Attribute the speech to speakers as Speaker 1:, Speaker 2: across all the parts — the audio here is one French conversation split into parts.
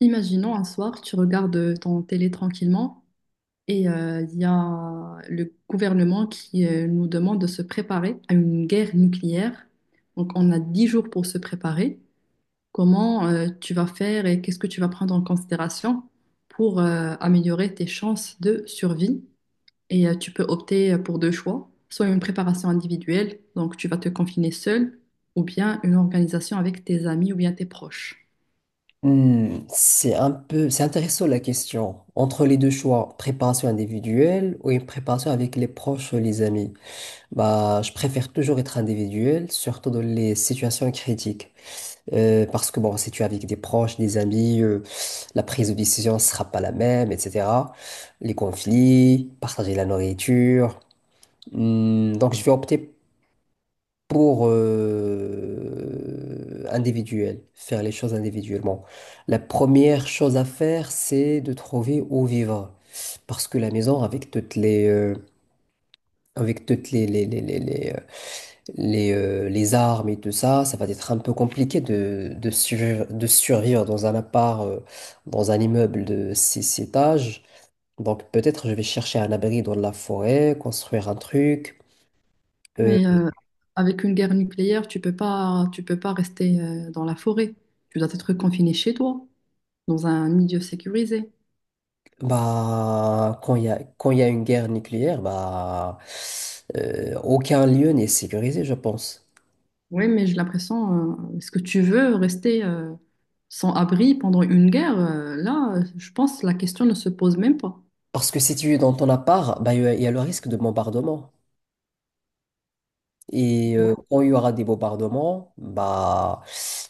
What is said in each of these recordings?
Speaker 1: Imaginons un soir, tu regardes ton télé tranquillement et il y a le gouvernement qui nous demande de se préparer à une guerre nucléaire. Donc on a 10 jours pour se préparer. Comment tu vas faire et qu'est-ce que tu vas prendre en considération pour améliorer tes chances de survie? Et tu peux opter pour deux choix, soit une préparation individuelle, donc tu vas te confiner seul, ou bien une organisation avec tes amis ou bien tes proches.
Speaker 2: Hmm, c'est intéressant la question. Entre les deux choix, préparation individuelle ou une préparation avec les proches ou les amis, je préfère toujours être individuel, surtout dans les situations critiques. Parce que bon, si tu es avec des proches, des amis, la prise de décision ne sera pas la même, etc. Les conflits, partager la nourriture. Hmm, donc je vais opter pour individuel, faire les choses individuellement. La première chose à faire, c'est de trouver où vivre. Parce que la maison, avec toutes les, les armes et tout ça, ça va être un peu compliqué de de survivre dans un appart, dans un immeuble de six étages. Donc peut-être je vais chercher un abri dans la forêt, construire un truc. euh,
Speaker 1: Mais avec une guerre nucléaire, tu peux pas rester dans la forêt. Tu dois être confiné chez toi, dans un milieu sécurisé.
Speaker 2: Quand il y a une guerre nucléaire, aucun lieu n'est sécurisé, je pense.
Speaker 1: Oui, mais j'ai l'impression, est-ce que tu veux rester sans abri pendant une guerre? Là, je pense que la question ne se pose même pas.
Speaker 2: Parce que si tu es dans ton appart, bah, il y a le risque de bombardement. Et
Speaker 1: Ouais.
Speaker 2: quand il y aura des bombardements, bah,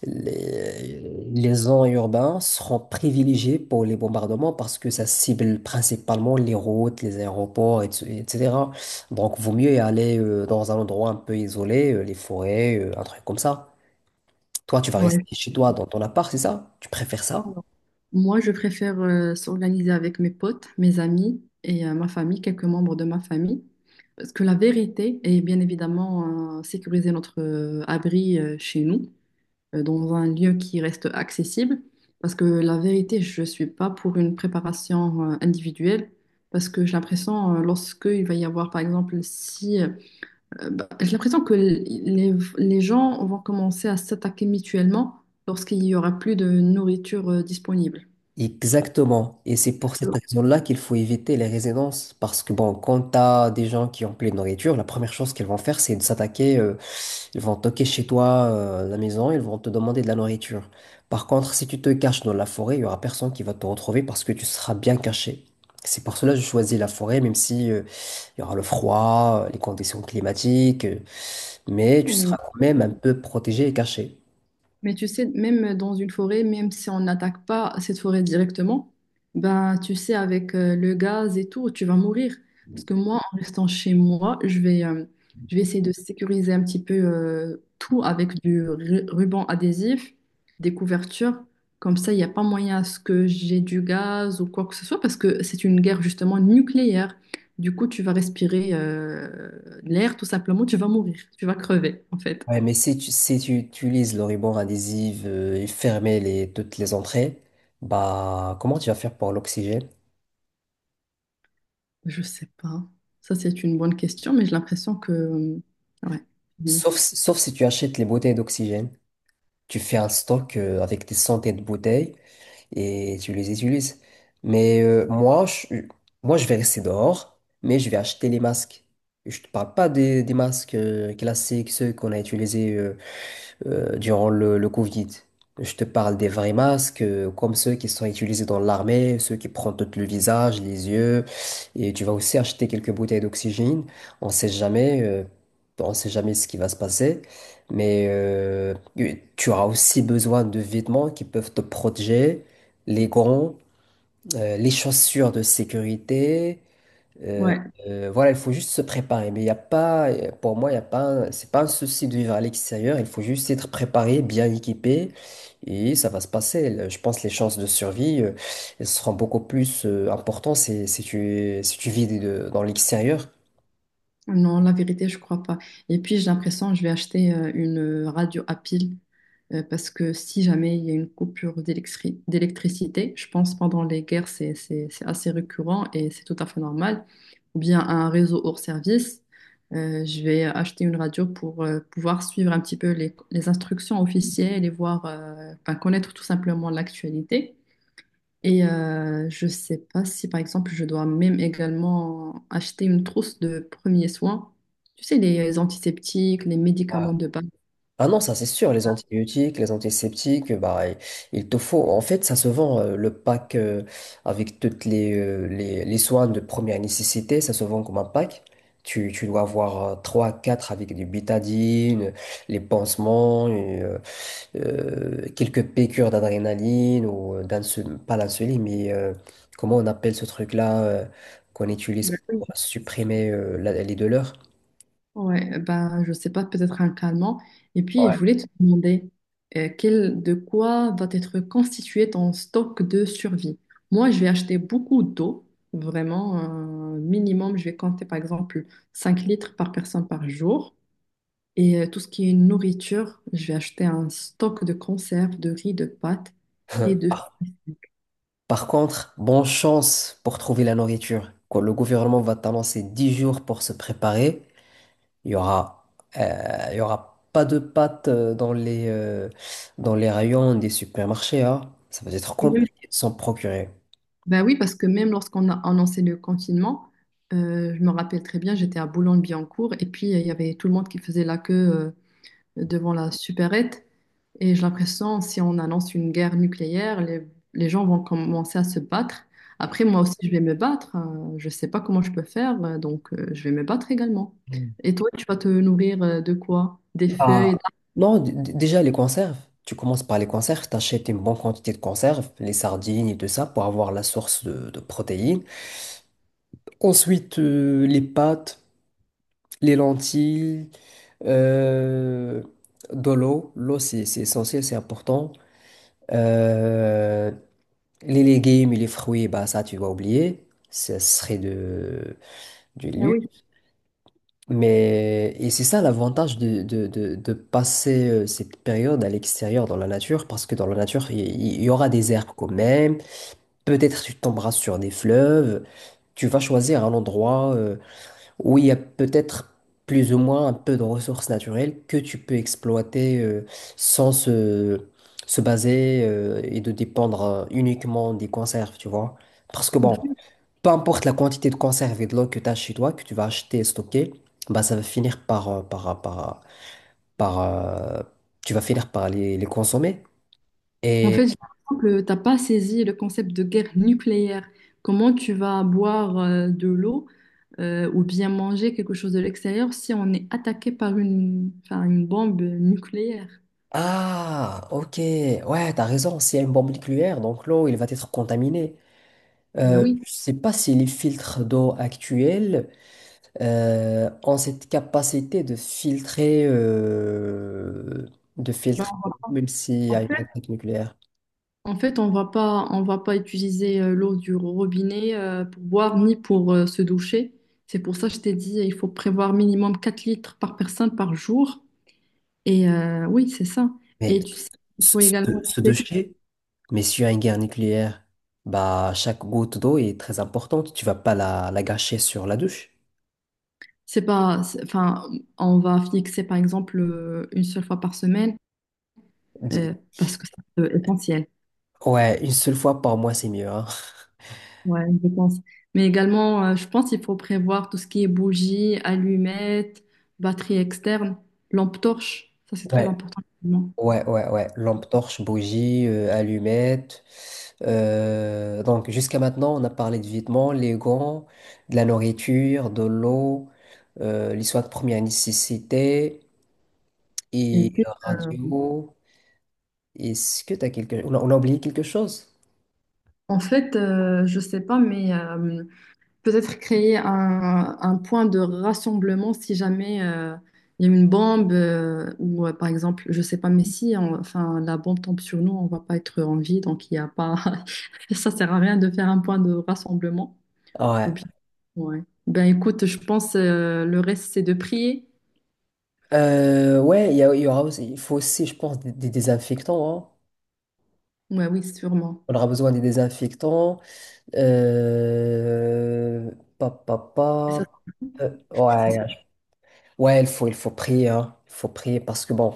Speaker 2: les, les gens urbains seront privilégiées pour les bombardements parce que ça cible principalement les routes, les aéroports, etc. Donc, vaut mieux y aller dans un endroit un peu isolé, les forêts, un truc comme ça. Toi, tu vas rester
Speaker 1: Ouais.
Speaker 2: chez toi dans ton appart, c'est ça? Tu préfères ça?
Speaker 1: Moi, je préfère s'organiser avec mes potes, mes amis et ma famille, quelques membres de ma famille. Parce que la vérité est bien évidemment sécuriser notre abri chez nous, dans un lieu qui reste accessible. Parce que la vérité, je ne suis pas pour une préparation individuelle. Parce que j'ai l'impression, lorsque il va y avoir, par exemple, si... bah, j'ai l'impression que les gens vont commencer à s'attaquer mutuellement lorsqu'il n'y aura plus de nourriture disponible.
Speaker 2: Exactement. Et c'est pour cette raison-là qu'il faut éviter les résidences. Parce que, bon, quand tu as des gens qui ont plein de nourriture, la première chose qu'ils vont faire, c'est de s'attaquer. Ils vont toquer chez toi, à la maison, ils vont te demander de la nourriture. Par contre, si tu te caches dans la forêt, il y aura personne qui va te retrouver parce que tu seras bien caché. C'est pour cela que je choisis la forêt, même si il y aura le froid, les conditions climatiques, mais tu seras quand même un peu protégé et caché.
Speaker 1: Mais tu sais, même dans une forêt, même si on n'attaque pas cette forêt directement, ben tu sais, avec le gaz et tout, tu vas mourir. Parce que moi, en restant chez moi, je vais essayer de sécuriser un petit peu tout avec du ruban adhésif, des couvertures. Comme ça, il n'y a pas moyen à ce que j'ai du gaz ou quoi que ce soit, parce que c'est une guerre justement nucléaire. Du coup, tu vas respirer l'air, tout simplement, tu vas mourir, tu vas crever, en fait.
Speaker 2: Ouais, mais si tu utilises le ruban adhésif et fermer toutes les entrées, bah comment tu vas faire pour l'oxygène?
Speaker 1: Je sais pas. Ça, c'est une bonne question, mais ouais. Mm.
Speaker 2: Sauf si tu achètes les bouteilles d'oxygène. Tu fais un stock avec des centaines de bouteilles et tu les utilises. Mais euh, moi, je, moi, je vais rester dehors, mais je vais acheter les masques. Je te parle pas des masques classiques, ceux qu'on a utilisés durant le Covid. Je te parle des vrais masques, comme ceux qui sont utilisés dans l'armée, ceux qui prennent tout le visage, les yeux. Et tu vas aussi acheter quelques bouteilles d'oxygène. On sait jamais, euh, on sait jamais ce qui va se passer. Mais euh, tu auras aussi besoin de vêtements qui peuvent te protéger, les gants, les chaussures de sécurité. Euh,
Speaker 1: Ouais.
Speaker 2: voilà, il faut juste se préparer. Mais il y a pas, pour moi, il y a pas, un- c'est pas un souci de vivre à l'extérieur. Il faut juste être préparé, bien équipé, et ça va se passer. Je pense que les chances de survie, elles seront beaucoup plus importantes si tu vis dans l'extérieur.
Speaker 1: Non, la vérité, je crois pas. Et puis, j'ai l'impression que je vais acheter une radio à pile parce que si jamais il y a une coupure d'électricité, je pense pendant les guerres, c'est assez récurrent et c'est tout à fait normal. Ou bien un réseau hors service, je vais acheter une radio pour pouvoir suivre un petit peu les instructions officielles et voir, enfin, connaître tout simplement l'actualité. Et je sais pas si, par exemple, je dois même également acheter une trousse de premiers soins. Tu sais, les antiseptiques, les médicaments de base.
Speaker 2: Ah non, ça c'est sûr, les antibiotiques, les antiseptiques, bah, il te faut. En fait, ça se vend le pack avec toutes les soins de première nécessité, ça se vend comme un pack. Tu dois avoir 3 4 avec du bétadine, les pansements, et quelques piqûres d'adrénaline ou pas l'insuline mais comment on appelle ce truc-là qu'on utilise
Speaker 1: Ben oui.
Speaker 2: pour supprimer les douleurs?
Speaker 1: Ouais, ben je sais pas, peut-être un calmant. Et puis,
Speaker 2: Ouais.
Speaker 1: je voulais te demander de quoi va être constitué ton stock de survie. Moi, je vais acheter beaucoup d'eau, vraiment, minimum, je vais compter par exemple 5 litres par personne par jour. Et tout ce qui est nourriture, je vais acheter un stock de conserves, de riz, de pâtes et de...
Speaker 2: Par contre, bonne chance pour trouver la nourriture. Quand le gouvernement va t'annoncer 10 jours pour se préparer, il y aura, il y aura pas de pâtes dans les rayons des supermarchés, hein. Ça va être
Speaker 1: Même-
Speaker 2: compliqué de s'en procurer.
Speaker 1: Ben oui, parce que même lorsqu'on a annoncé le confinement, je me rappelle très bien, j'étais à Boulogne-Billancourt et puis il y avait tout le monde qui faisait la queue devant la supérette. Et j'ai l'impression, si on annonce une guerre nucléaire, les gens vont commencer à se battre. Après, moi aussi, je vais me battre. Je ne sais pas comment je peux faire, donc je vais me battre également.
Speaker 2: Mm.
Speaker 1: Et toi, tu vas te nourrir de quoi? Des
Speaker 2: Ah,
Speaker 1: feuilles,
Speaker 2: non, déjà les conserves. Tu commences par les conserves, t'achètes une bonne quantité de conserves, les sardines et tout ça, pour avoir la source de protéines. Ensuite, les pâtes. Les lentilles, euh, de l'eau. L'eau, c'est essentiel, c'est important. Euh, les légumes et les fruits, bah, ça, tu vas oublier. Du
Speaker 1: ah
Speaker 2: luxe.
Speaker 1: oui.
Speaker 2: Mais, et c'est ça l'avantage de passer cette période à l'extérieur dans la nature, parce que dans la nature, aura des herbes quand même. Peut-être tu tomberas sur des fleuves. Tu vas choisir un endroit. Où il y a peut-être plus ou moins un peu de ressources naturelles que tu peux exploiter sans se, se baser et de dépendre uniquement des conserves, tu vois. Parce que bon, peu importe la quantité de conserve et de l'eau que tu as chez toi, que tu vas acheter et stocker, bah, ça va finir par, euh, tu vas finir par les consommer.
Speaker 1: En
Speaker 2: Et
Speaker 1: fait, j'ai l'impression que tu n'as pas saisi le concept de guerre nucléaire. Comment tu vas boire de l'eau ou bien manger quelque chose de l'extérieur si on est attaqué par une, enfin, une bombe nucléaire?
Speaker 2: ah, ok, ouais, t'as raison, s'il y a une bombe nucléaire, donc l'eau, il va être contaminé.
Speaker 1: Ben oui.
Speaker 2: Je ne sais pas si les filtres d'eau actuels ont cette capacité de filtrer, de
Speaker 1: Ben,
Speaker 2: filtrer, même s'il y
Speaker 1: en
Speaker 2: a une
Speaker 1: fait,
Speaker 2: attaque nucléaire.
Speaker 1: en fait, on va pas utiliser l'eau du robinet pour boire ni pour se doucher. C'est pour ça que je t'ai dit, il faut prévoir minimum 4 litres par personne par jour. Et oui, c'est ça.
Speaker 2: Mais
Speaker 1: Et tu sais, il
Speaker 2: ce,
Speaker 1: faut également...
Speaker 2: ce, ce déchet, mais s'il y a une guerre nucléaire, bah, chaque goutte d'eau est très importante. Tu vas pas la gâcher sur la douche.
Speaker 1: C'est pas, c'est- enfin, on va fixer par exemple une seule fois par semaine
Speaker 2: Di-
Speaker 1: parce que c'est essentiel.
Speaker 2: Ouais, une seule fois par mois, c'est mieux. Hein.
Speaker 1: Ouais, je pense. Mais également, je pense qu'il faut prévoir tout ce qui est bougies, allumettes, batterie externe, lampe torche. Ça, c'est très
Speaker 2: Ouais,
Speaker 1: important également.
Speaker 2: Ouais. Lampe torche, bougie, allumette. Donc jusqu'à maintenant, on a parlé de vêtements, les gants, de la nourriture, de l'eau, les soins de première nécessité
Speaker 1: Et
Speaker 2: et
Speaker 1: puis,
Speaker 2: radio. Est-ce que t'as quelque... on a oublié quelque chose?
Speaker 1: en fait, je sais pas, mais peut-être créer un point de rassemblement si jamais il y a une bombe ou par exemple, je sais pas, mais si on- enfin, la bombe tombe sur nous, on va pas être en vie, donc il y a pas, ça sert à rien de faire un point de rassemblement. Ou
Speaker 2: Ouais.
Speaker 1: bien, ouais. Ben écoute, je pense le reste c'est de prier.
Speaker 2: Il y aura aussi, il faut aussi, je pense, des désinfectants. Hein.
Speaker 1: Ouais, oui, sûrement.
Speaker 2: On aura besoin des désinfectants. Euh... Pa, pa,
Speaker 1: Et ça,
Speaker 2: pa. Euh,
Speaker 1: ça
Speaker 2: ouais, Ouais, il faut prier, hein. Il faut prier parce que bon,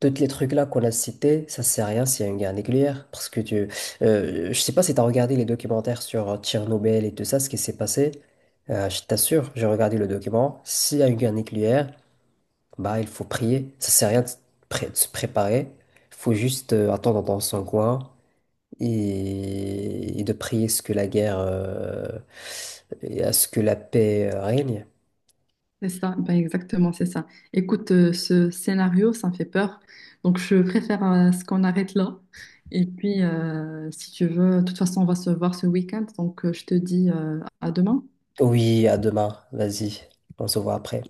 Speaker 2: tous les trucs là qu'on a cités, ça sert à rien s'il y a une guerre nucléaire. Je sais pas si t'as regardé les documentaires sur Tchernobyl et tout ça, ce qui s'est passé. Je t'assure, j'ai regardé le document. S'il y a une guerre nucléaire, bah il faut prier. Ça sert à rien de se préparer. Il faut juste attendre dans son coin et de prier ce que la guerre, et à ce que la paix règne.
Speaker 1: C'est ça, ben exactement, c'est ça. Écoute, ce scénario, ça me fait peur. Donc, je préfère ce qu'on arrête là. Et puis, si tu veux, de toute façon, on va se voir ce week-end. Donc, je te dis à demain.
Speaker 2: Oui, à demain. Vas-y, on se voit après.